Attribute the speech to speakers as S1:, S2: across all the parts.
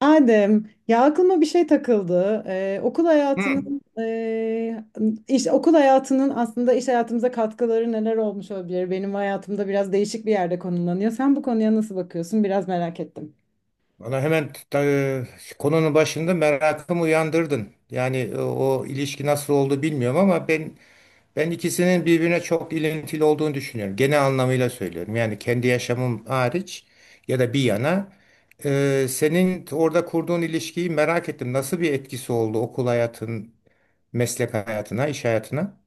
S1: Adem, ya aklıma bir şey takıldı. Okul
S2: Hı.
S1: hayatının e, iş okul hayatının aslında iş hayatımıza katkıları neler olmuş olabilir? Benim hayatımda biraz değişik bir yerde konumlanıyor. Sen bu konuya nasıl bakıyorsun? Biraz merak ettim.
S2: Bana hemen konunun başında merakımı uyandırdın. Yani o ilişki nasıl oldu bilmiyorum ama ben ikisinin birbirine çok ilintili olduğunu düşünüyorum. Genel anlamıyla söylüyorum. Yani kendi yaşamım hariç ya da bir yana senin orada kurduğun ilişkiyi merak ettim. Nasıl bir etkisi oldu okul hayatın, meslek hayatına, iş hayatına?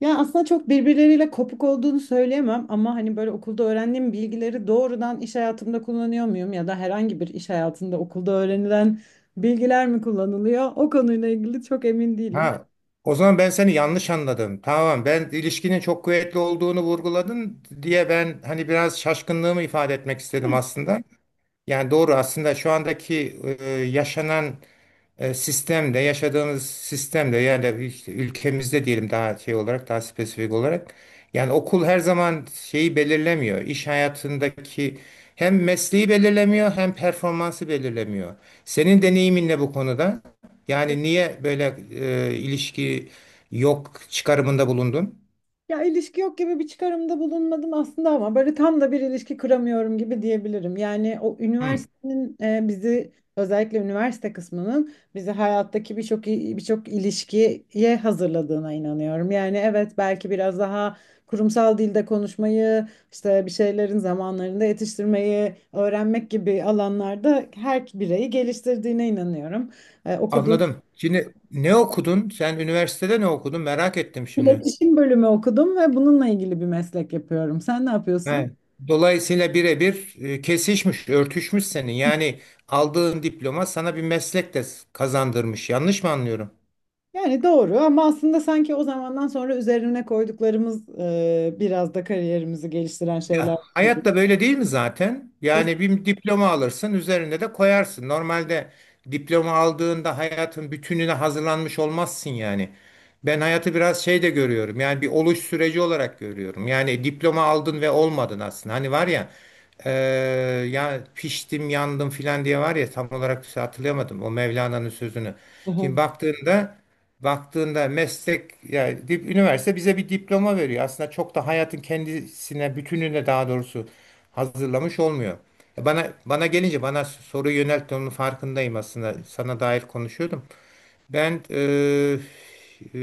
S1: Ya aslında çok birbirleriyle kopuk olduğunu söyleyemem ama hani böyle okulda öğrendiğim bilgileri doğrudan iş hayatımda kullanıyor muyum ya da herhangi bir iş hayatında okulda öğrenilen bilgiler mi kullanılıyor? O konuyla ilgili çok emin değilim.
S2: Ha, o zaman ben seni yanlış anladım. Tamam, ben ilişkinin çok kuvvetli olduğunu vurguladın diye ben hani biraz şaşkınlığımı ifade etmek istedim aslında. Yani doğru aslında şu andaki yaşanan sistemde, yaşadığımız sistemde yani işte ülkemizde diyelim daha şey olarak, daha spesifik olarak yani okul her zaman şeyi belirlemiyor. İş hayatındaki hem mesleği belirlemiyor hem performansı belirlemiyor. Senin deneyimin ne bu konuda? Yani niye böyle ilişki yok çıkarımında bulundun?
S1: Ya ilişki yok gibi bir çıkarımda bulunmadım aslında ama böyle tam da bir ilişki kuramıyorum gibi diyebilirim. Yani o
S2: Hı,
S1: üniversitenin bizi özellikle üniversite kısmının bizi hayattaki birçok ilişkiye hazırladığına inanıyorum. Yani evet belki biraz daha kurumsal dilde konuşmayı, işte bir şeylerin zamanlarında yetiştirmeyi öğrenmek gibi alanlarda her bireyi geliştirdiğine inanıyorum. E, okuduğum
S2: anladım. Şimdi ne okudun? Sen üniversitede ne okudun? Merak ettim şimdi.
S1: iletişim bölümü okudum ve bununla ilgili bir meslek yapıyorum. Sen ne yapıyorsun?
S2: He. Dolayısıyla birebir kesişmiş, örtüşmüş senin. Yani aldığın diploma sana bir meslek de kazandırmış. Yanlış mı anlıyorum?
S1: Yani doğru ama aslında sanki o zamandan sonra üzerine koyduklarımız biraz da kariyerimizi geliştiren
S2: Ya
S1: şeyler gibi.
S2: hayat da böyle değil mi zaten?
S1: Kes-
S2: Yani bir diploma alırsın, üzerine de koyarsın. Normalde diploma aldığında hayatın bütününe hazırlanmış olmazsın yani. Ben hayatı biraz şey de görüyorum. Yani bir oluş süreci olarak görüyorum. Yani diploma aldın ve olmadın aslında. Hani var ya eee, ya piştim yandım filan diye var ya tam olarak hatırlayamadım o Mevlana'nın sözünü.
S1: Hı hı,
S2: Şimdi baktığında meslek yani üniversite bize bir diploma veriyor. Aslında çok da hayatın kendisine, bütününe daha doğrusu hazırlamış olmuyor. Bana gelince bana soru yönelttiğinin farkındayım aslında. Sana dair konuşuyordum. Ben e,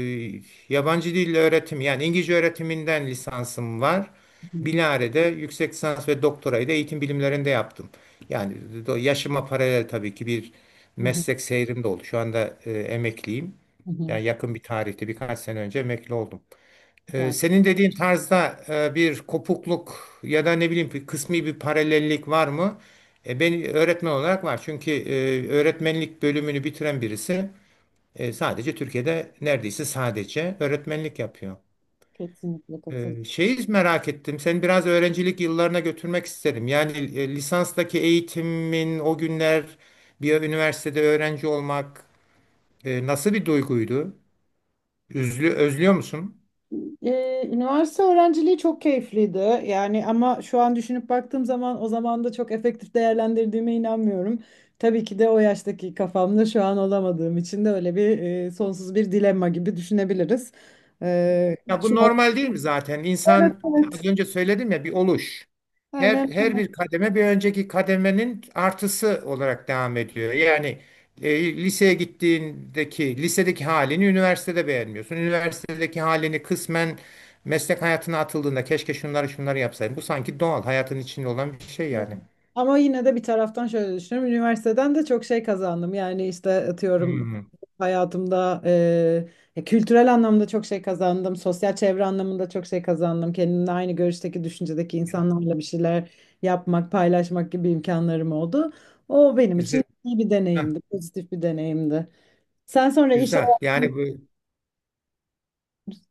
S2: yabancı dil öğretim yani İngilizce öğretiminden lisansım var.
S1: hı
S2: Bilare'de yüksek lisans ve doktorayı da eğitim bilimlerinde yaptım. Yani yaşıma paralel tabii ki bir
S1: hı,
S2: meslek seyrim de oldu. Şu anda emekliyim.
S1: hı hı.
S2: Yani yakın bir tarihte birkaç sene önce emekli oldum.
S1: Güzel.
S2: Senin dediğin tarzda bir kopukluk ya da ne bileyim bir kısmi bir paralellik var mı? Ben öğretmen olarak var. Çünkü öğretmenlik bölümünü bitiren birisi sadece Türkiye'de neredeyse sadece öğretmenlik yapıyor.
S1: Kesinlikle katıl.
S2: Şeyi merak ettim. Seni biraz öğrencilik yıllarına götürmek isterim. Yani lisanstaki eğitimin o günler bir üniversitede öğrenci olmak nasıl bir duyguydu? Özlüyor musun?
S1: Üniversite öğrenciliği çok keyifliydi. Yani ama şu an düşünüp baktığım zaman o zaman da çok efektif değerlendirdiğime inanmıyorum. Tabii ki de o yaştaki kafamda şu an olamadığım için de öyle bir sonsuz bir dilemma gibi düşünebiliriz. Ee,
S2: Ya bu
S1: şu an-
S2: normal değil mi zaten?
S1: Evet,
S2: İnsan az
S1: evet.
S2: önce söyledim ya bir oluş. Her
S1: Aynen.
S2: her bir kademe bir önceki kademenin artısı olarak devam ediyor. Yani liseye gittiğindeki lisedeki halini üniversitede beğenmiyorsun. Üniversitedeki halini kısmen meslek hayatına atıldığında keşke şunları şunları yapsaydım. Bu sanki doğal hayatın içinde olan bir şey yani.
S1: Ama yine de bir taraftan şöyle düşünüyorum. Üniversiteden de çok şey kazandım. Yani işte atıyorum
S2: Hmm.
S1: hayatımda kültürel anlamda çok şey kazandım. Sosyal çevre anlamında çok şey kazandım. Kendimle aynı görüşteki, düşüncedeki insanlarla bir şeyler yapmak, paylaşmak gibi imkanlarım oldu. O benim için
S2: Güzel.
S1: iyi bir deneyimdi, pozitif bir deneyimdi. Sen sonra iş
S2: Güzel.
S1: hayatına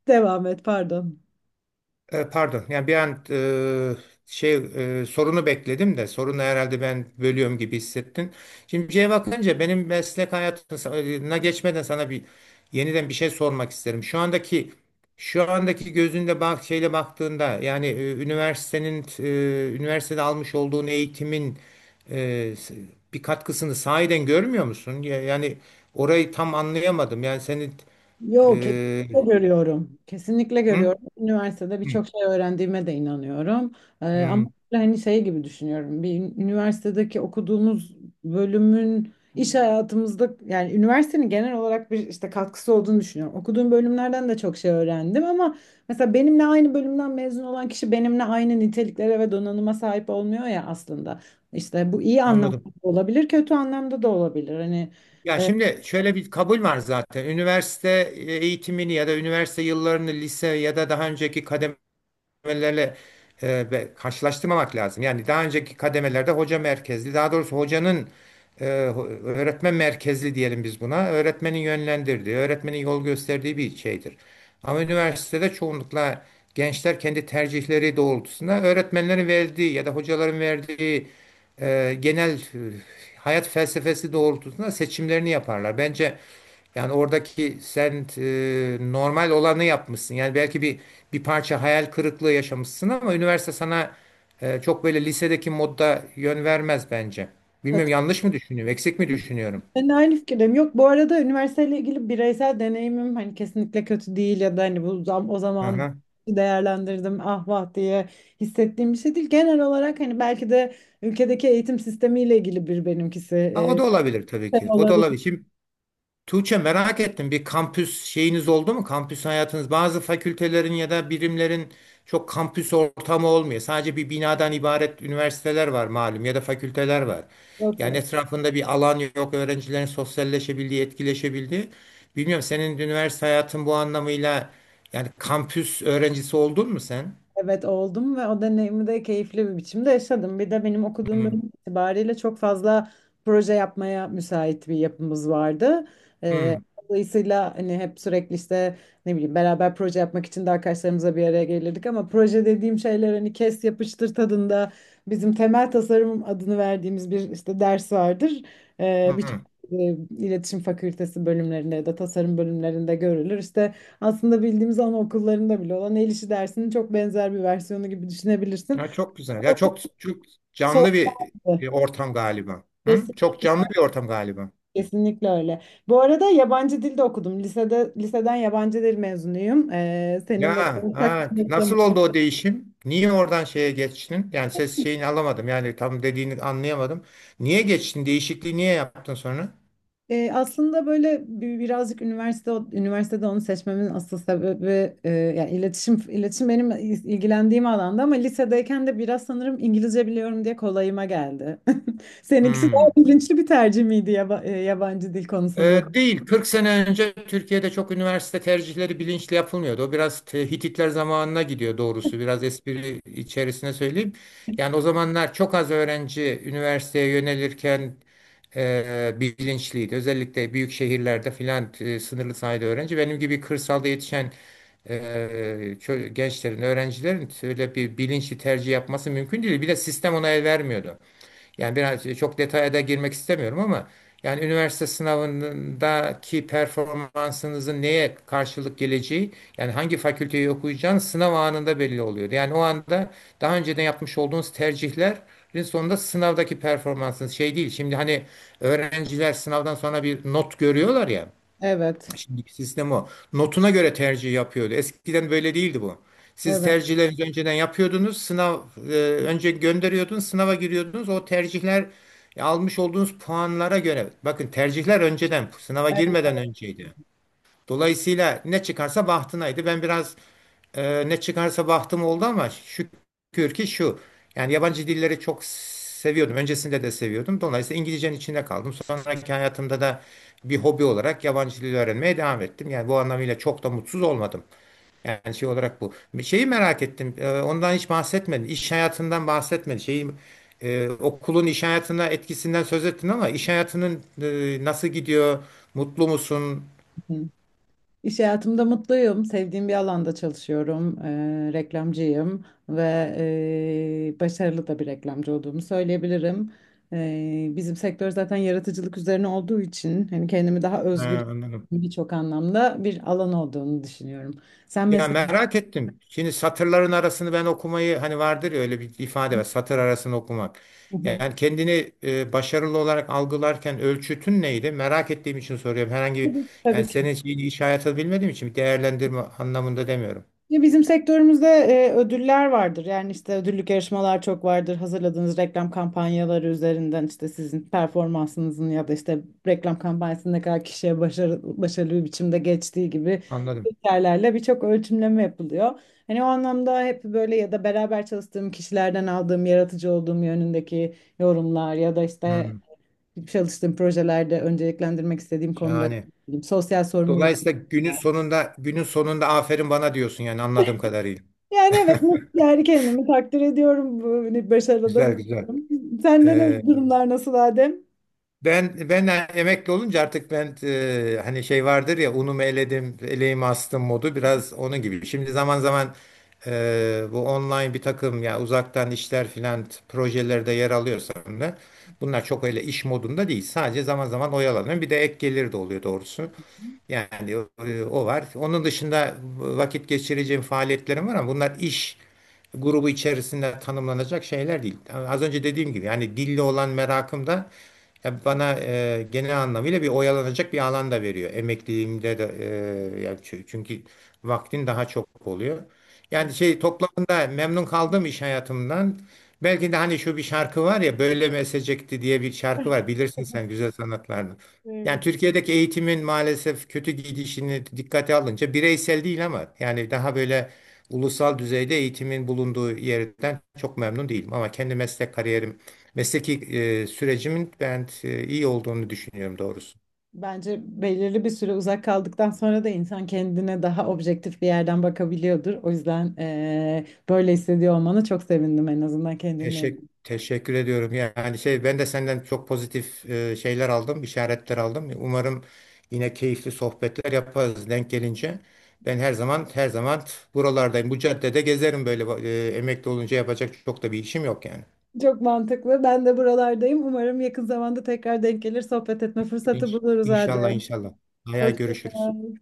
S1: devam et, pardon.
S2: Pardon. Yani bir an şey sorunu bekledim de sorunu herhalde ben bölüyorum gibi hissettin. Şimdi şeye bakınca benim meslek hayatına geçmeden sana bir yeniden bir şey sormak isterim. Şu andaki gözünde bak şeyle baktığında yani üniversitede almış olduğun eğitimin e, bir katkısını sahiden görmüyor musun? Yani orayı tam anlayamadım. Yani senin
S1: Yok,
S2: e,
S1: kesinlikle görüyorum. Kesinlikle
S2: hı?
S1: görüyorum. Üniversitede
S2: Hı,
S1: birçok şey öğrendiğime de inanıyorum. Ama
S2: hı,
S1: hani şey gibi düşünüyorum. Bir üniversitedeki okuduğumuz bölümün iş hayatımızda yani üniversitenin genel olarak bir işte katkısı olduğunu düşünüyorum. Okuduğum bölümlerden de çok şey öğrendim ama mesela benimle aynı bölümden mezun olan kişi benimle aynı niteliklere ve donanıma sahip olmuyor ya aslında. İşte bu iyi anlamda
S2: anladım.
S1: da olabilir, kötü anlamda da olabilir.
S2: Ya şimdi şöyle bir kabul var zaten. Üniversite eğitimini ya da üniversite yıllarını lise ya da daha önceki kademelerle karşılaştırmamak lazım. Yani daha önceki kademelerde hoca merkezli, daha doğrusu öğretmen merkezli diyelim biz buna. Öğretmenin yönlendirdiği, öğretmenin yol gösterdiği bir şeydir. Ama üniversitede çoğunlukla gençler kendi tercihleri doğrultusunda öğretmenlerin verdiği ya da hocaların verdiği genel hayat felsefesi doğrultusunda seçimlerini yaparlar. Bence yani oradaki sen normal olanı yapmışsın. Yani belki bir parça hayal kırıklığı yaşamışsın ama üniversite sana çok böyle lisedeki modda yön vermez bence.
S1: E,
S2: Bilmiyorum yanlış mı düşünüyorum, eksik mi düşünüyorum?
S1: Ben de aynı fikirdeyim. Yok bu arada üniversiteyle ilgili bireysel deneyimim hani kesinlikle kötü değil ya da o zaman
S2: Aha.
S1: değerlendirdim ah vah diye hissettiğim bir şey değil. Genel olarak hani belki de ülkedeki eğitim sistemiyle ilgili bir benimkisi
S2: Ha, o da olabilir tabii
S1: e,
S2: ki. O da
S1: olabilir.
S2: olabilir. Şimdi Tuğçe merak ettim bir kampüs şeyiniz oldu mu? Kampüs hayatınız bazı fakültelerin ya da birimlerin çok kampüs ortamı olmuyor. Sadece bir binadan ibaret üniversiteler var malum ya da fakülteler var. Yani etrafında bir alan yok öğrencilerin sosyalleşebildiği, etkileşebildiği. Bilmiyorum senin üniversite hayatın bu anlamıyla yani kampüs öğrencisi oldun mu sen?
S1: Evet oldum ve o deneyimi de keyifli bir biçimde yaşadım. Bir de benim okuduğum
S2: Hmm,
S1: bölüm itibariyle çok fazla proje yapmaya müsait bir yapımız vardı. Ee,
S2: hmm,
S1: Dolayısıyla hani hep sürekli işte ne bileyim beraber proje yapmak için de arkadaşlarımızla bir araya gelirdik ama proje dediğim şeyler hani kes yapıştır tadında bizim temel tasarım adını verdiğimiz bir işte ders vardır. Birçok
S2: hmm.
S1: e, iletişim fakültesi bölümlerinde ya da tasarım bölümlerinde görülür. İşte aslında bildiğimiz anaokullarında bile olan el işi dersinin çok benzer bir versiyonu gibi düşünebilirsin.
S2: Ya çok güzel. Ya çok çok canlı
S1: Sordu.
S2: bir ortam galiba. Hı? Çok
S1: Kesinlikle,
S2: canlı bir ortam galiba.
S1: kesinlikle öyle. Bu arada yabancı dilde okudum. Lisede, liseden yabancı dil mezunuyum.
S2: Ya
S1: Seninle de ortak
S2: ha,
S1: bir noktamız.
S2: nasıl oldu o değişim? Niye oradan şeye geçtin? Yani ses şeyini alamadım. Yani tam dediğini anlayamadım. Niye geçtin? Değişikliği niye yaptın sonra?
S1: Aslında birazcık üniversitede onu seçmemin asıl sebebi, yani iletişim benim ilgilendiğim alanda ama lisedeyken de biraz sanırım İngilizce biliyorum diye kolayıma geldi. Seninkisi
S2: Hmm.
S1: daha bilinçli bir tercih miydi yabancı dil konusunda?
S2: Değil. 40 sene önce Türkiye'de çok üniversite tercihleri bilinçli yapılmıyordu. O biraz Hititler zamanına gidiyor doğrusu. Biraz espri içerisine söyleyeyim. Yani o zamanlar çok az öğrenci üniversiteye yönelirken bilinçliydi. Özellikle büyük şehirlerde filan sınırlı sayıda öğrenci. Benim gibi kırsalda yetişen e, gençlerin, öğrencilerin öyle bir bilinçli tercih yapması mümkün değil. Bir de sistem ona el vermiyordu. Yani biraz çok detaya da girmek istemiyorum ama yani üniversite sınavındaki performansınızın neye karşılık geleceği yani hangi fakülteyi okuyacağınız sınav anında belli oluyordu. Yani o anda daha önceden yapmış olduğunuz tercihlerin sonunda sınavdaki performansınız şey değil. Şimdi hani öğrenciler sınavdan sonra bir not görüyorlar ya.
S1: Evet.
S2: Şimdiki sistem o. Notuna göre tercih yapıyordu. Eskiden böyle değildi bu. Siz
S1: Evet.
S2: tercihlerinizi önceden yapıyordunuz. Sınav e, önce gönderiyordunuz, sınava giriyordunuz. O tercihler almış olduğunuz puanlara göre. Bakın tercihler önceden, sınava girmeden
S1: Evet.
S2: önceydi. Dolayısıyla ne çıkarsa bahtınaydı. Ben biraz ne çıkarsa bahtım oldu ama şükür ki şu. Yani yabancı dilleri çok seviyordum. Öncesinde de seviyordum. Dolayısıyla İngilizcenin içinde kaldım. Sonraki hayatımda da bir hobi olarak yabancı dil öğrenmeye devam ettim. Yani bu anlamıyla çok da mutsuz olmadım. Yani şey olarak bu. Bir şeyi merak ettim. Ondan hiç bahsetmedin. İş hayatından bahsetmedin. Şeyi, okulun iş hayatına etkisinden söz ettin ama iş hayatının nasıl gidiyor? Mutlu musun?
S1: İş hayatımda mutluyum. Sevdiğim bir alanda çalışıyorum. Reklamcıyım ve başarılı da bir reklamcı olduğumu söyleyebilirim. Bizim sektör zaten yaratıcılık üzerine olduğu için hani kendimi daha
S2: Ha,
S1: özgür
S2: anladım.
S1: birçok anlamda bir alan olduğunu düşünüyorum. Sen
S2: Ya
S1: mesleğin
S2: merak ettim. Şimdi satırların arasını ben okumayı hani vardır ya öyle bir ifade var. Satır arasını okumak. Yani kendini başarılı olarak algılarken ölçütün neydi? Merak ettiğim için soruyorum. Herhangi bir yani
S1: tabii ki.
S2: senin şeyini iş hayatı bilmediğim için değerlendirme anlamında demiyorum.
S1: Ya bizim sektörümüzde ödüller vardır. Yani işte ödüllük yarışmalar çok vardır. Hazırladığınız reklam kampanyaları üzerinden işte sizin performansınızın ya da işte reklam kampanyasının ne kadar kişiye başarı, başarılı bir biçimde geçtiği gibi
S2: Anladım.
S1: kriterlerle birçok ölçümleme yapılıyor. Hani o anlamda hep böyle ya da beraber çalıştığım kişilerden aldığım yaratıcı olduğum yönündeki yorumlar ya da işte
S2: Hmm.
S1: çalıştığım projelerde önceliklendirmek istediğim konular,
S2: Yani
S1: sosyal sorumluluk.
S2: dolayısıyla günün sonunda aferin bana diyorsun yani anladığım kadarıyla.
S1: Yani evet mutlu yani kendimi takdir ediyorum bu hani başarıda
S2: Güzel güzel.
S1: bulunuyorum. Sende
S2: Ee,
S1: ne durumlar nasıl Adem?
S2: ben emekli olunca artık ben hani şey vardır ya unumu eledim, eleğimi astım modu biraz onun gibi. Şimdi zaman zaman bu online bir takım ya uzaktan işler filan projelerde yer alıyorsam da bunlar çok öyle iş modunda değil. Sadece zaman zaman oyalanıyorum. Bir de ek gelir de oluyor doğrusu. Yani o var. Onun dışında vakit geçireceğim faaliyetlerim var ama bunlar iş grubu içerisinde tanımlanacak şeyler değil. Yani az önce dediğim gibi yani dille olan merakım da ya bana genel anlamıyla bir oyalanacak bir alan da veriyor. Emekliliğimde de yani çünkü vaktin daha çok oluyor. Yani şey toplamında memnun kaldım iş hayatımdan. Belki de hani şu bir şarkı var ya böyle mi esecekti diye bir şarkı var. Bilirsin sen güzel sanatlarını. Yani
S1: Kesinlikle.
S2: Türkiye'deki eğitimin maalesef kötü gidişini dikkate alınca bireysel değil ama yani daha böyle ulusal düzeyde eğitimin bulunduğu yerden çok memnun değilim. Ama kendi meslek kariyerim, mesleki sürecimin ben iyi olduğunu düşünüyorum doğrusu.
S1: Bence belirli bir süre uzak kaldıktan sonra da insan kendine daha objektif bir yerden bakabiliyordur. O yüzden böyle hissediyor olmana çok sevindim en azından kendinle.
S2: Teşekkür ediyorum. Yani şey ben de senden çok pozitif şeyler aldım, işaretler aldım. Umarım yine keyifli sohbetler yaparız denk gelince. Ben her zaman her zaman buralardayım. Bu caddede gezerim böyle emekli olunca yapacak çok da bir işim yok yani.
S1: Çok mantıklı. Ben de buralardayım. Umarım yakın zamanda tekrar denk gelir, sohbet etme fırsatı buluruz
S2: İnşallah
S1: Adem.
S2: inşallah. Hayal
S1: Hoşça
S2: görüşürüz.
S1: kal.